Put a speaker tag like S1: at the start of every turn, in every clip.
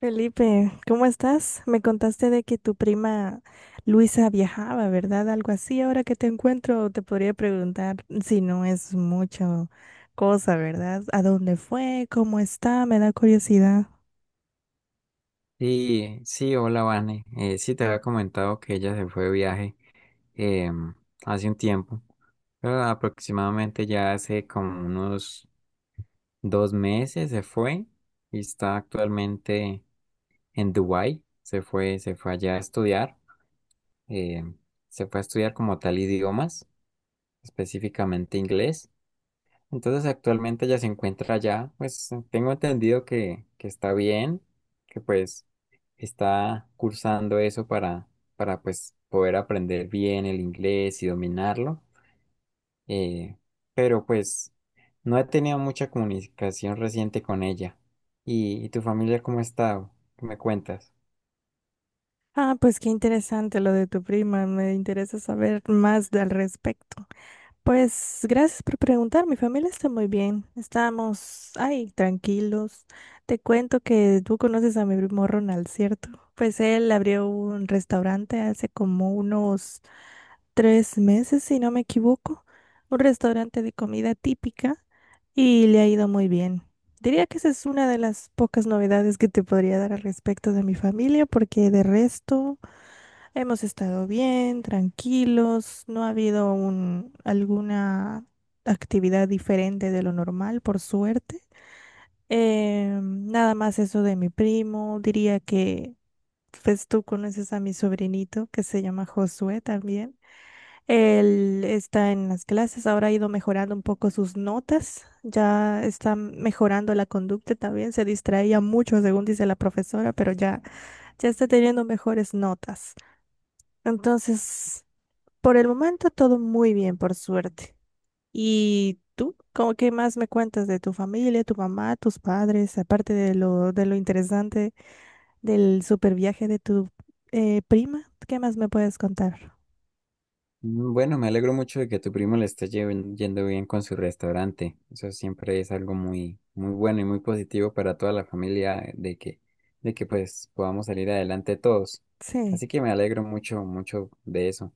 S1: Felipe, ¿cómo estás? Me contaste de que tu prima Luisa viajaba, ¿verdad? Algo así. Ahora que te encuentro, te podría preguntar si no es mucho cosa, ¿verdad? ¿A dónde fue? ¿Cómo está? Me da curiosidad.
S2: Sí, sí, hola Vane. Sí, te había comentado que ella se fue de viaje em, hace un tiempo, pero aproximadamente ya hace como unos 2 meses se fue y está actualmente en Dubái. Se fue allá a estudiar, em, se fue a estudiar como tal idiomas, específicamente inglés. Entonces actualmente ella se encuentra allá, pues tengo entendido que está bien, que pues está cursando eso para pues poder aprender bien el inglés y dominarlo. eh, pero pues no he tenido mucha comunicación reciente con ella. ¿Y tu familia cómo ha estado? ¿Qué me cuentas?
S1: Ah, pues qué interesante lo de tu prima. Me interesa saber más al respecto. Pues gracias por preguntar, mi familia está muy bien, estamos, ay, tranquilos. Te cuento que tú conoces a mi primo Ronald, ¿cierto? Pues él abrió un restaurante hace como unos 3 meses, si no me equivoco, un restaurante de comida típica y le ha ido muy bien. Diría que esa es una de las pocas novedades que te podría dar al respecto de mi familia, porque de resto, hemos estado bien, tranquilos, no ha habido un, alguna actividad diferente de lo normal, por suerte. Nada más eso de mi primo, diría que pues tú conoces a mi sobrinito que se llama Josué también. Él está en las clases, ahora ha ido mejorando un poco sus notas, ya está mejorando la conducta también, se distraía mucho según dice la profesora, pero ya, ya está teniendo mejores notas. Entonces, por el momento todo muy bien, por suerte. ¿Y tú? ¿Cómo qué más me cuentas de tu familia, tu mamá, tus padres, aparte de lo interesante del super viaje de tu prima? ¿Qué más me puedes contar?
S2: Bueno, me alegro mucho de que a tu primo le esté yendo bien con su restaurante. Eso siempre es algo muy, muy bueno y muy positivo para toda la familia de que pues podamos salir adelante todos.
S1: Sí.
S2: Así que me alegro mucho, mucho de eso.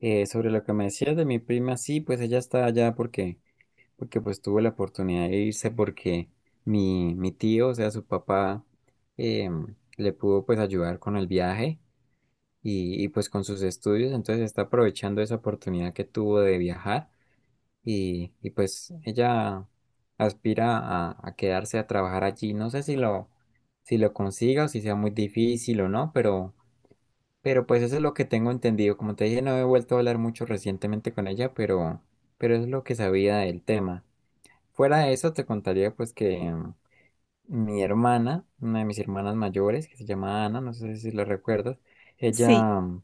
S2: Sobre lo que me decías de mi prima, sí, pues ella está allá porque pues tuvo la oportunidad de irse porque mi tío, o sea, su papá, le pudo pues ayudar con el viaje y, pues con sus estudios, entonces está aprovechando esa oportunidad que tuvo de viajar y pues ella aspira a quedarse a trabajar allí. No sé si lo consiga o si sea muy difícil o no, pero pues eso es lo que tengo entendido. Como te dije, no he vuelto a hablar mucho recientemente con ella, pero es lo que sabía del tema. Fuera de eso, te contaría pues que mi hermana, una de mis hermanas mayores, que se llama Ana, no sé si la recuerdas,
S1: Sí,
S2: ella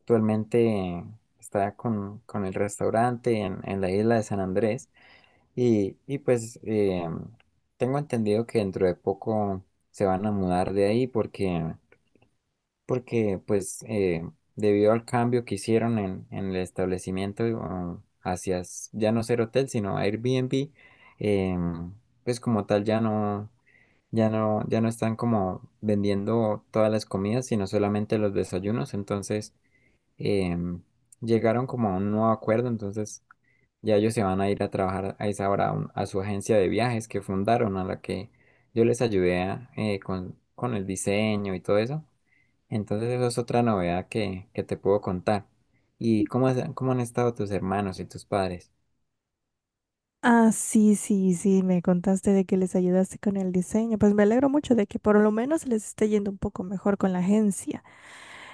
S2: actualmente está con el restaurante en la isla de San Andrés y pues tengo entendido que dentro de poco se van a mudar de ahí porque porque pues debido al cambio que hicieron en el establecimiento hacia ya no ser hotel, sino Airbnb, em, pues como tal ya no, ya no están como vendiendo todas las comidas, sino solamente los desayunos, entonces em, llegaron como a un nuevo acuerdo, entonces ya ellos se van a ir a trabajar a esa hora a su agencia de viajes que fundaron, a la que yo les ayudé con el diseño y todo eso. Entonces eso es otra novedad que te puedo contar. ¿Y cómo, cómo han estado tus hermanos y tus padres?
S1: ah, sí, sí, sí, me contaste de que les ayudaste con el diseño. Pues me alegro mucho de que por lo menos les esté yendo un poco mejor con la agencia.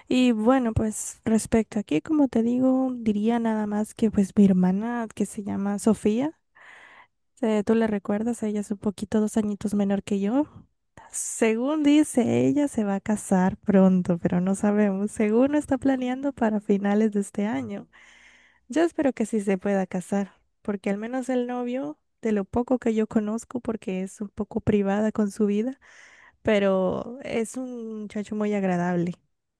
S1: Y bueno, pues respecto aquí, como te digo, diría nada más que pues mi hermana, que se llama Sofía. Tú le recuerdas, ella es un poquito 2 añitos menor que yo. Según dice, ella se va a casar pronto, pero no sabemos. Según lo está planeando para finales de este año. Yo espero que sí se pueda casar, porque al menos el novio, de lo poco que yo conozco, porque es un poco privada con su vida, pero es un muchacho muy agradable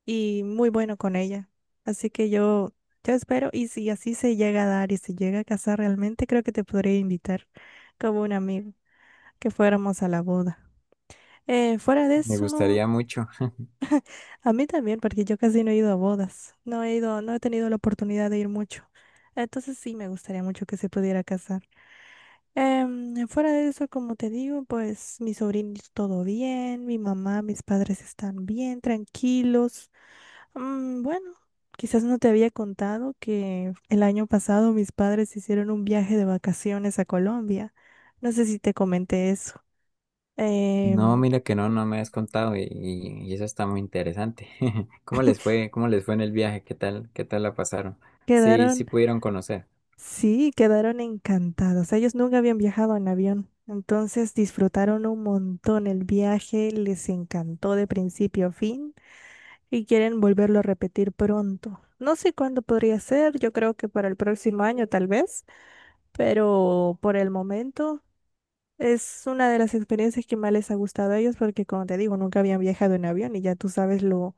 S1: y muy bueno con ella. Así que yo espero, y si así se llega a dar y se llega a casar realmente, creo que te podría invitar como un amigo, que fuéramos a la boda. Fuera de
S2: Me
S1: eso,
S2: gustaría mucho.
S1: a mí también, porque yo casi no he ido a bodas, no he ido, no he tenido la oportunidad de ir mucho. Entonces sí me gustaría mucho que se pudiera casar. Fuera de eso, como te digo, pues mis sobrinos todo bien, mi mamá, mis padres están bien, tranquilos. Mm, bueno, quizás no te había contado que el año pasado mis padres hicieron un viaje de vacaciones a Colombia. No sé si te comenté eso.
S2: No,
S1: Em,
S2: mira que no, no me has contado y, y eso está muy interesante. ¿Cómo les fue? ¿Cómo les fue en el viaje? ¿Qué tal? ¿Qué tal la pasaron? Sí, sí
S1: Quedaron,
S2: pudieron conocer.
S1: sí, quedaron encantados. Ellos nunca habían viajado en avión. Entonces disfrutaron un montón el viaje, les encantó de principio a fin. Y quieren volverlo a repetir pronto. No sé cuándo podría ser, yo creo que para el próximo año tal vez, pero por el momento es una de las experiencias que más les ha gustado a ellos porque como te digo, nunca habían viajado en avión y ya tú sabes lo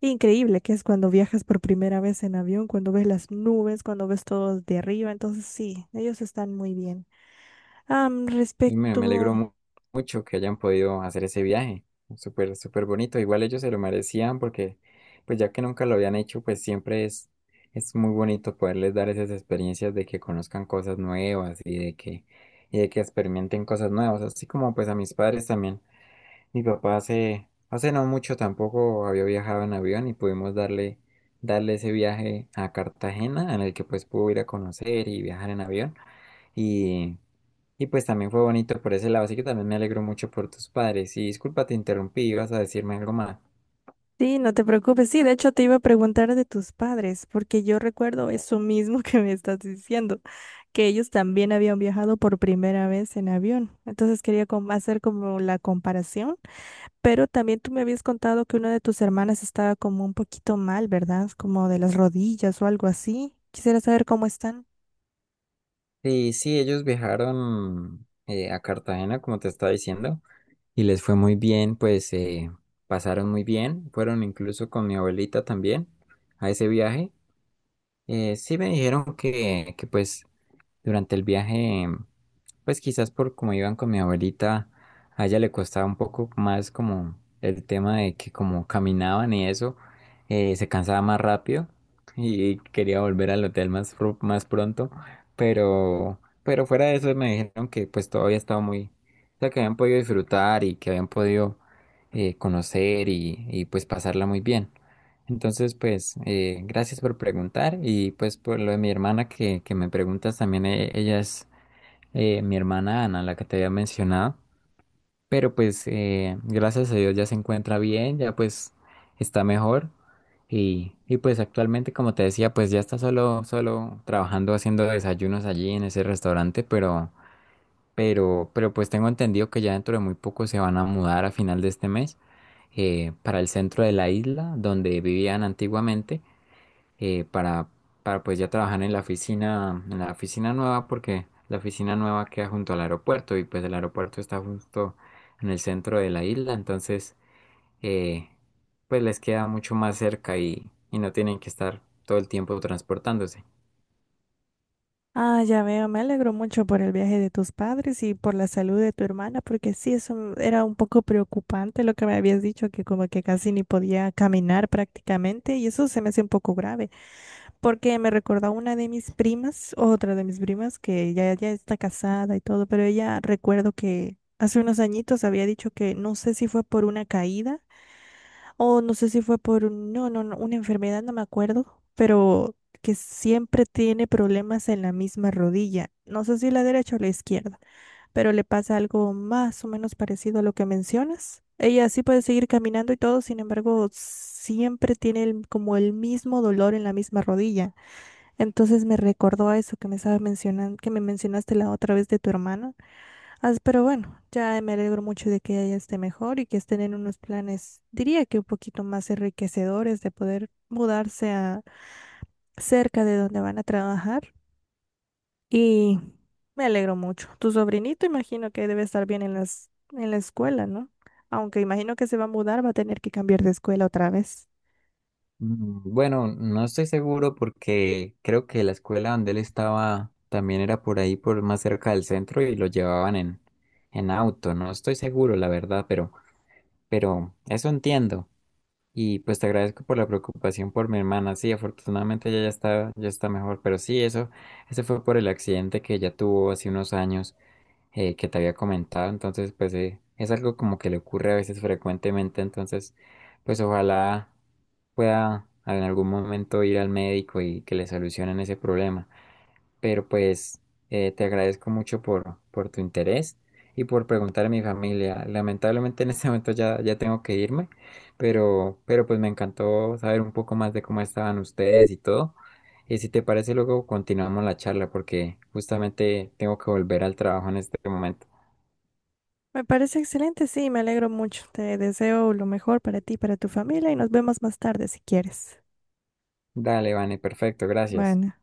S1: increíble que es cuando viajas por primera vez en avión, cuando ves las nubes, cuando ves todo de arriba, entonces sí, ellos están muy bien. Am,
S2: Y me alegro
S1: respecto.
S2: mucho que hayan podido hacer ese viaje. Súper, súper bonito. Igual ellos se lo merecían porque, pues ya que nunca lo habían hecho, pues siempre es muy bonito poderles dar esas experiencias de que conozcan cosas nuevas y y de que experimenten cosas nuevas. Así como pues a mis padres también. Mi papá hace no mucho tampoco había viajado en avión y pudimos darle ese viaje a Cartagena en el que pues pudo ir a conocer y viajar en avión. Y y pues también fue bonito por ese lado, así que también me alegro mucho por tus padres. Y disculpa, te interrumpí, ibas a decirme algo más.
S1: Sí, no te preocupes. Sí, de hecho te iba a preguntar de tus padres, porque yo recuerdo eso mismo que me estás diciendo, que ellos también habían viajado por primera vez en avión. Entonces quería hacer como la comparación, pero también tú me habías contado que una de tus hermanas estaba como un poquito mal, ¿verdad? Como de las rodillas o algo así. Quisiera saber cómo están.
S2: Sí, sí, ellos viajaron a Cartagena, como te estaba diciendo, y les fue muy bien, pues pasaron muy bien. Fueron incluso con mi abuelita también a ese viaje. Sí me dijeron que pues durante el viaje pues quizás por como iban con mi abuelita, a ella le costaba un poco más como el tema de que como caminaban y eso, se cansaba más rápido y quería volver al hotel más pronto, pero fuera de eso me dijeron que pues todavía estaba muy, o sea, que habían podido disfrutar y que habían podido conocer y pues pasarla muy bien. Entonces, pues, gracias por preguntar y pues por lo de mi hermana que me preguntas también, ella es mi hermana Ana, la que te había mencionado, pero pues gracias a Dios ya se encuentra bien, ya pues está mejor y pues actualmente como te decía pues ya está solo trabajando haciendo desayunos allí en ese restaurante, pero pues tengo entendido que ya dentro de muy poco se van a mudar a final de este mes para el centro de la isla donde vivían antiguamente eh, para, para pues ya trabajar en la oficina nueva, porque la oficina nueva queda junto al aeropuerto y pues el aeropuerto está justo en el centro de la isla, entonces eh, pues les queda mucho más cerca y no tienen que estar todo el tiempo transportándose.
S1: Ah, ya veo, me alegro mucho por el viaje de tus padres y por la salud de tu hermana, porque sí, eso era un poco preocupante lo que me habías dicho, que como que casi ni podía caminar prácticamente, y eso se me hace un poco grave, porque me recordó una de mis primas, otra de mis primas, que ya está casada y todo, pero ella recuerdo que hace unos añitos había dicho que no sé si fue por una caída o no sé si fue por no, no, no, una enfermedad, no me acuerdo, pero que siempre tiene problemas en la misma rodilla. No sé si la derecha o la izquierda, pero le pasa algo más o menos parecido a lo que mencionas. Ella sí puede seguir caminando y todo, sin embargo, siempre tiene como el mismo dolor en la misma rodilla. Entonces me recordó a eso que me estaba mencionando, que me mencionaste la otra vez de tu hermana. As, pero bueno, ya me alegro mucho de que ella esté mejor y que estén en unos planes, diría que un poquito más enriquecedores de poder mudarse a cerca de donde van a trabajar. Y me alegro mucho. Tu sobrinito imagino que debe estar bien en en la escuela, ¿no? Aunque imagino que se va a mudar, va a tener que cambiar de escuela otra vez.
S2: Bueno, no estoy seguro porque creo que la escuela donde él estaba también era por ahí, por más cerca del centro y lo llevaban en auto. No estoy seguro, la verdad, pero eso entiendo. Y pues te agradezco por la preocupación por mi hermana. Sí, afortunadamente ella ya está mejor, pero sí, eso, ese fue por el accidente que ella tuvo hace unos años que te había comentado. Entonces, pues es algo como que le ocurre a veces frecuentemente. Entonces, pues ojalá pueda en algún momento ir al médico y que le solucionen ese problema. Pero pues te agradezco mucho por tu interés y por preguntar a mi familia. Lamentablemente en este momento ya tengo que irme, pero pues me encantó saber un poco más de cómo estaban ustedes y todo. Y si te parece, luego continuamos la charla porque justamente tengo que volver al trabajo en este momento.
S1: Me parece excelente, sí, me alegro mucho. Te deseo lo mejor para ti, para tu familia y nos vemos más tarde si quieres.
S2: Dale, Vane, perfecto, gracias.
S1: Bueno.